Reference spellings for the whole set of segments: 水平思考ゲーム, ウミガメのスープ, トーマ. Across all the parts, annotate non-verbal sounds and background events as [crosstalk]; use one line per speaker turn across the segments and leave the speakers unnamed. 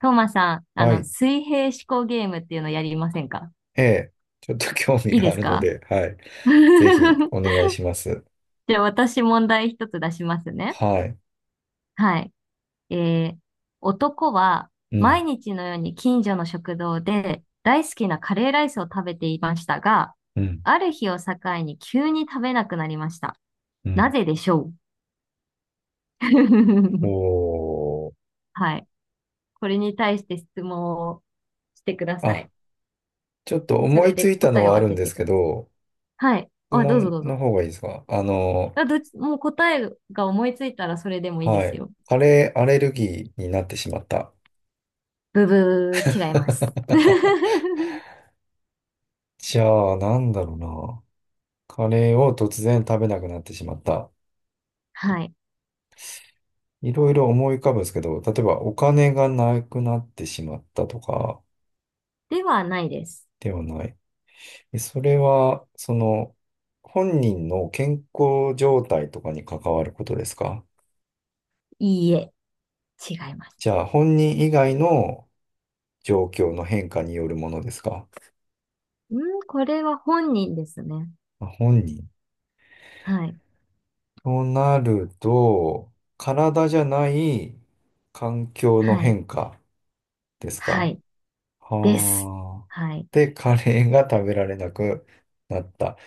トーマさん、
はい。
水平思考ゲームっていうのやりませんか？
ええ。[laughs] ちょっと興味
いい
が
で
あ
す
るの
か？
で、はい。
[laughs] じ
ぜひお願いします。
ゃあ私問題一つ出しますね。
はい。
はい。えー、男は
うん、
毎日のように近所の食堂で大好きなカレーライスを食べていましたが、
うん、
ある日を境に急に食べなくなりました。
う
な
ん。
ぜでしょう？ [laughs]
おー。
はい。これに対して質問をしてくださ
あ、
い。
ちょっと
そ
思い
れ
つ
で
いた
答
の
えを
はあ
当
るん
て
で
て
す
く
け
だ
ど、
さい。はい。
質
あ、どうぞ
問
どう
の
ぞ。
方がいいですか？
あ、どっち、もう答えが思いついたらそれでもいいで
は
す
い。
よ。
カレーアレルギーになってしまった。
ブブー、違います。
[laughs]
[laughs]
じゃあ、なんだろうな。カレーを突然食べなくなってしまった。
はい。
いろいろ思い浮かぶんですけど、例えばお金がなくなってしまったとか
ではないです。
ではない。で、それは、本人の健康状態とかに関わることですか？
いいえ、違います。
じゃあ、本人以外の状況の変化によるものですか？
うん、これは本人ですね。
あ、本人。
はい。
となると、体じゃない環境の
はい。
変化です
は
か？
い。です。
はあ。
はい。
で、カレーが食べられなくなった。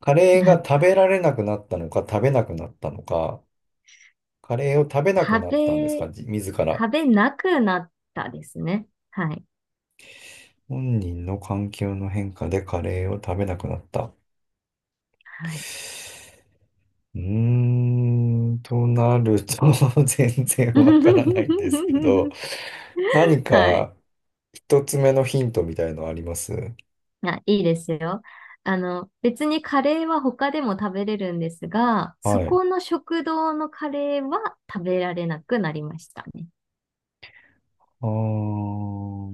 カレーが食
な、
べられなくなったのか、食べなくなったのか、カレーを食べなく
食
なったんです
べ、
か、自ら。
食べなくなったですね。はい。
本人の環境の変化でカレーを食べなくなった。
はい。
うーん、となると [laughs] 全然わからないんですけど、
[laughs]
何
はい。
か一つ目のヒントみたいのあります？
あ、いいですよ。別にカレーは他でも食べれるんですが、そ
はい。
この食堂のカレーは食べられなくなりましたね。だ
あー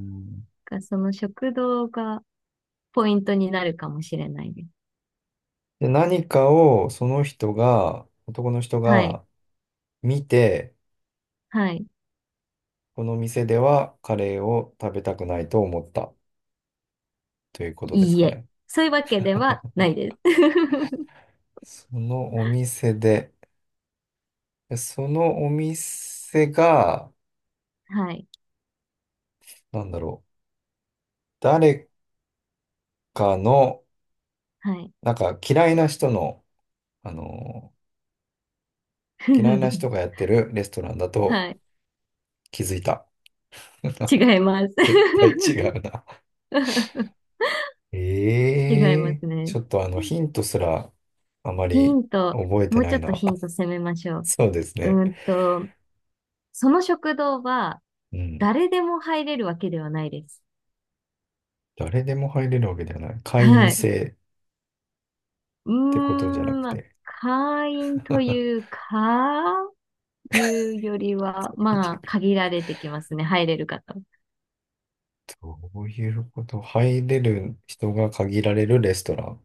からその食堂がポイントになるかもしれないです。
で、何かをその人が、男の人
はい。
が見て、
はい。
この店ではカレーを食べたくないと思ったということです
いい
か
え。
ね。
そういうわけではないです。[laughs]
そのお店で、でそのお店が、
はい。
なんだろう、誰かの、
はい。
なんかあの嫌いな人がや
[laughs]
ってるレストランだと
はい。
気づいた。
違います。
絶対違うな。
[laughs]
[laughs] え
違いま
え、
すね。
ちょっとヒントすらあま
ヒ
り
ント。
覚えて
もう
な
ちょ
い
っと
な。
ヒント攻めましょ
[laughs]
う。
そうですね。
うーんと、その食堂は
うん。
誰でも入れるわけではないです。
誰でも入れるわけではない。会
は
員
い。
制ってことじゃなく
まあ、
て。
会員という
[laughs]
か、いうよりは、まあ、限られてきますね。入れる方。
どういうこと？入れる人が限られるレストラン。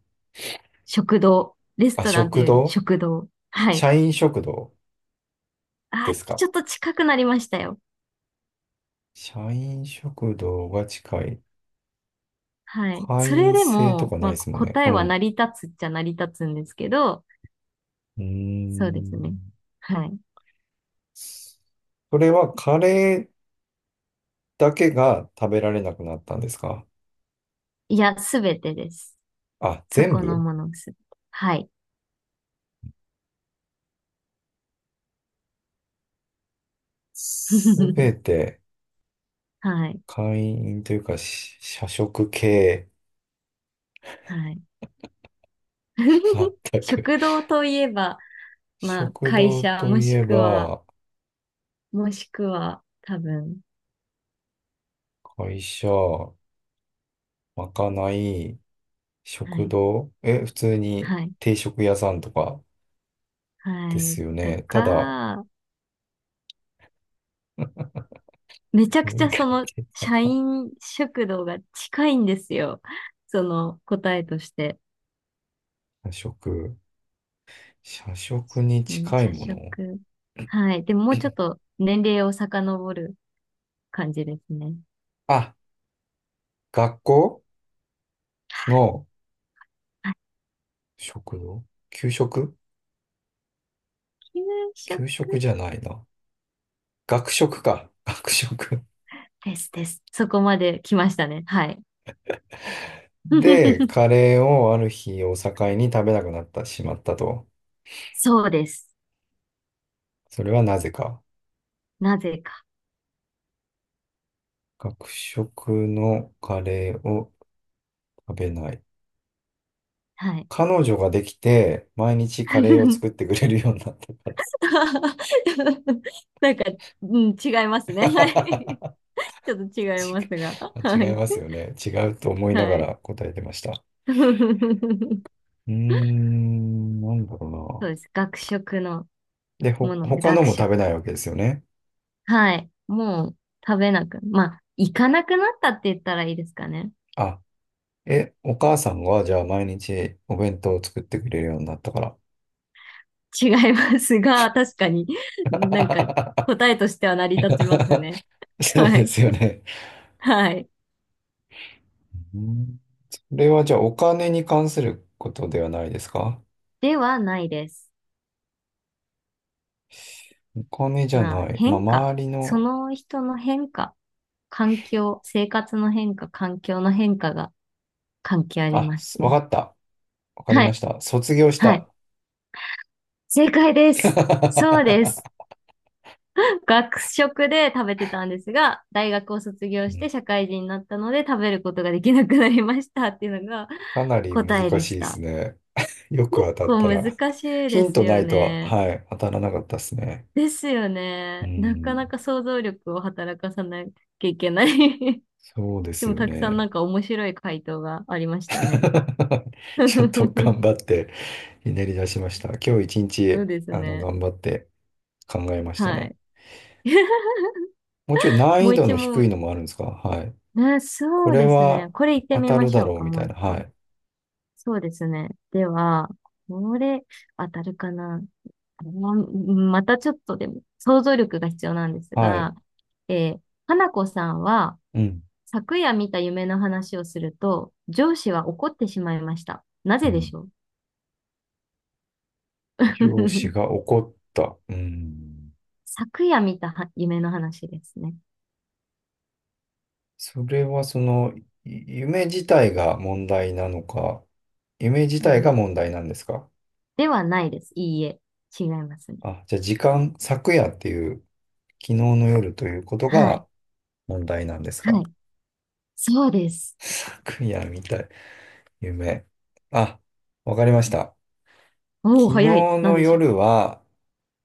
食堂。レス
あ、
トランとい
食
うより
堂、
食堂。はい。
社員食堂で
あ、
すか？
ちょっと近くなりましたよ。
社員食堂が近い。
はい。
会
それ
員
で
制と
も、
かな
ま
いで
あ、
すもんね。
答
う
えは成
ん。
り立つっちゃ成り立つんですけど、
うー
そうですね。
ん。
はい。
それはカレーだけが食べられなくなったんですか？
いや、すべてです。
あ、
そ
全
この
部、
ものすべて。はい。
すべ
[laughs]
て、
はい。
会員というか、社食系。
はい。
[laughs]
[laughs]
全く。
食堂といえば、まあ、
食
会
堂
社、
と
も
い
し
え
くは、
ば、
もしくは、多分、
会社、まかない、
は
食
い。
堂、普通に
はい。
定食屋さんとか
は
で
い。
すよ
と
ね。ただ、
か、
[laughs]
めちゃくち
苦
ゃ
手
社
だ
員食堂が近いんですよ。その答えとして。
な。[laughs] 社食。社食に
うん、
近い
社
もの
食。はい。でももうちょっ
[clears throat]
と年齢を遡る感じですね。
あ、学校の
あ、
食堂、給食。
給食
給食じゃないな。学食か。学食。
ですです。そこまで来ましたね。はい。
で、
[laughs]
カレーをある日を境に食べなくなってしまったと。
そうです。
それはなぜか。
なぜか。
学食のカレーを食べない。
はい。
彼女ができて、毎日カレーを
[laughs]
作ってくれるようになった。
なんか、うん、違いますね。[laughs] は
[laughs]
い。ちょっと違い
ち、
ます
[laughs]
が。
違
は
い
い。
ますよね。違うと思いなが
はい。
ら答えてました。
[laughs]
うーん、なんだ
そう
ろ
です。学食の
うな。で、
もので、
他の
学
も
食。
食べないわけですよね。
はい。もう食べなく、まあ、行かなくなったって言ったらいいですかね。
あ、お母さんはじゃあ毎日お弁当を作ってくれるようになったから。
違いますが、確かになんか
[laughs]
答えとしては成り立ちますね。
そう
は
で
い。
すよね。
はい。
うん、それはじゃあお金に関することではないですか？
ではないです。
お金じゃ
まあ、
ない。まあ、
変化。
周り
そ
の、
の人の変化。環境、生活の変化、環境の変化が関係あり
あ、
ま
す
すね。
わかった。わかり
は
ま
い。
した。卒業し
はい。
た。
正解です。そうです。
[laughs]
学食で食べてたんですが、大学を卒業して社会人になったので食べることができなくなりましたっていうのが
かなり難
答えで
しい
し
です
た。
ね。[laughs] よく
結
当たった
構
ら。
難しい
ヒ
で
ン
す
トな
よ
いとは、
ね。
はい、当たらなかったですね。
ですよ
う
ね。なか
ん。
なか想像力を働かさなきゃいけない。 [laughs]
そうで
で
す
も
よ
たくさんな
ね。
んか面白い回答がありましたね。
[laughs]
[laughs] そ
ちょっと頑張って、ひねり出しました。今日一
う
日、
ですね。
頑張って考えました
は
ね。
い。[laughs]
もうちょい難
も
易
う
度
一
の低い
問。
のもあるんですか？はい。
ね、
こ
そう
れ
ですね。
は
これ言って
当
み
た
ま
る
し
だ
ょう
ろう
か、
み
も
た
う
い
一
な。は
個。
い。
そうですね。では、これ、当たるかな。あまたちょっとでも、想像力が必要なんです
はい。
が、えー、花子さんは、
うん。
昨夜見た夢の話をすると、上司は怒ってしまいました。な
う
ぜでし
ん。
ょう？
上司
[laughs]
が怒った。うん。
昨夜見たは夢の話ですね。
それは夢自体が問題なのか、夢自
は
体が
い。
問題なんですか？
ではないです。いいえ。違いますね。
あ、じゃあ時間、昨夜っていう、昨日の夜ということ
は
が
い。
問題なんです
は
か？
い。そうです。
[laughs] 昨夜みたい、夢。あ、わかりました。
おお、
昨日
早い。なん
の
でしょう
夜
か？
は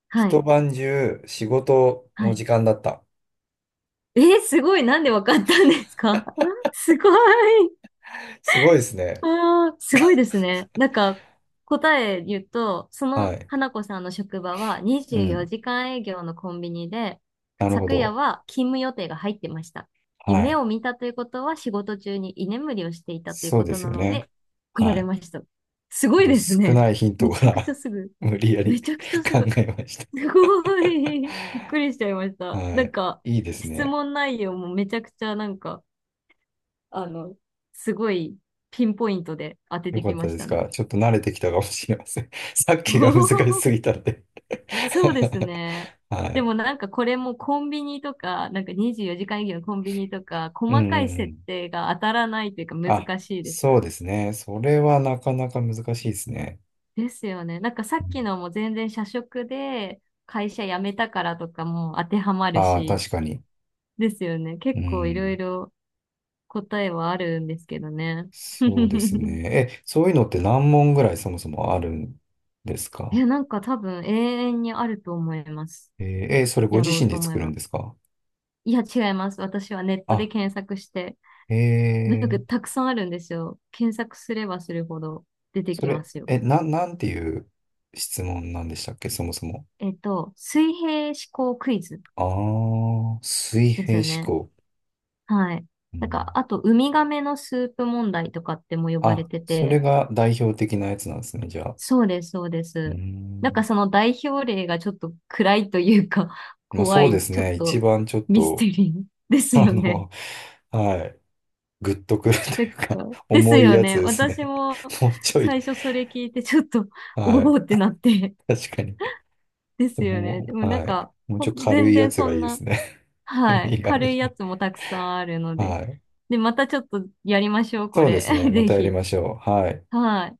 は
一
い。
晩中仕事
は
の
い。
時間だった。
すごい。なんでわかったんですか？ [laughs] すごい。
すごいですね。
あー、すごいですね。なんか、答え言うと、そ
は
の
い。
花子さんの職場は
う
24
ん。
時間営業のコンビニで、
なるほ
昨夜
ど。
は勤務予定が入ってました。
は
夢
い。
を見たということは仕事中に居眠りをしていたという
そう
こ
で
と
す
な
よ
の
ね。
で、来ら
は
れ
い。
ました。す
ち
ご
ょっ
い
と
です
少
ね。
ないヒント
め
か
ちゃくちゃ
ら
すぐ。
[laughs] 無理や
め
り
ちゃくちゃ
[laughs]
す
考
ぐ。
えました。
すごい。びっくりしちゃいました。
は
なん
い。
か、
いいです
質
ね。
問内容もめちゃくちゃなんか、あの、すごいピンポイントで当て
よ
て
か
き
った
まし
です
たね。
か。ちょっと慣れてきたかもしれません。[laughs] さっ
[laughs] お
きが難しす
ー、
ぎたんで
そうですね。
[laughs] は
で
い。
もなんかこれもコンビニとか、なんか24時間営業のコンビニとか、
うんう
細かい
んう
設
ん。
定が当たらないというか
あ、
難しいです
そ
よ
うで
ね。
すね。それはなかなか難しいですね。
ですよね。なんかさっきのも全然社食で会社辞めたからとかも当てはまる
ああー、
し、
確かに。
ですよね。
う
結構いろい
ん。
ろ答えはあるんですけどね。
そうです
[laughs]
ね。え、そういうのって何問ぐらいそもそもあるんです
え、
か？
なんか多分永遠にあると思います。
えーそれご
やろ
自
う
身
と
で
思え
作るん
ば。
ですか？
いや、違います。私はネットで
あ、
検索して、なんかた
え
くさんあるんですよ。検索すればするほど出て
そ
きま
れ、
すよ。
なんていう質問なんでしたっけ、そもそも。
水平思考クイズ
ああ、水
で
平
す
思
ね。
考。
はい。
う
なんか、
ん、
あと、ウミガメのスープ問題とかっても呼ばれ
あ、
て
それ
て、
が代表的なやつなんですね、じゃあ。
そうです、そうで
う
す。なんか
ん。
その代表例がちょっと暗いというか、[laughs]
まあ
怖
そうで
い、
す
ちょっ
ね、一
と
番ちょっ
ミステ
と、
リー [laughs] です
あ
よね。
の、はい、グッとくると
なん
い
か、
うか、
です
重い
よ
やつ
ね。
です
私
ね。
も
[laughs] もうちょい、
最初それ聞いてちょっと、[laughs] お
はい、
おってなって
確かに。
[laughs]、ですよね。
も
でも
う、
なん
はい、
か、
もうちょい軽
全
いや
然
つ
そ
がい
ん
いで
な、
すね。[laughs]
はい、
右側
軽い
じ
や
ゃ
つもたくさんあるの
ない。
で。
はい。
で、またちょっとやりましょう、こ
そうで
れ。
すね、
[laughs]
ま
ぜ
たやり
ひ。
ましょう。はい。
はい。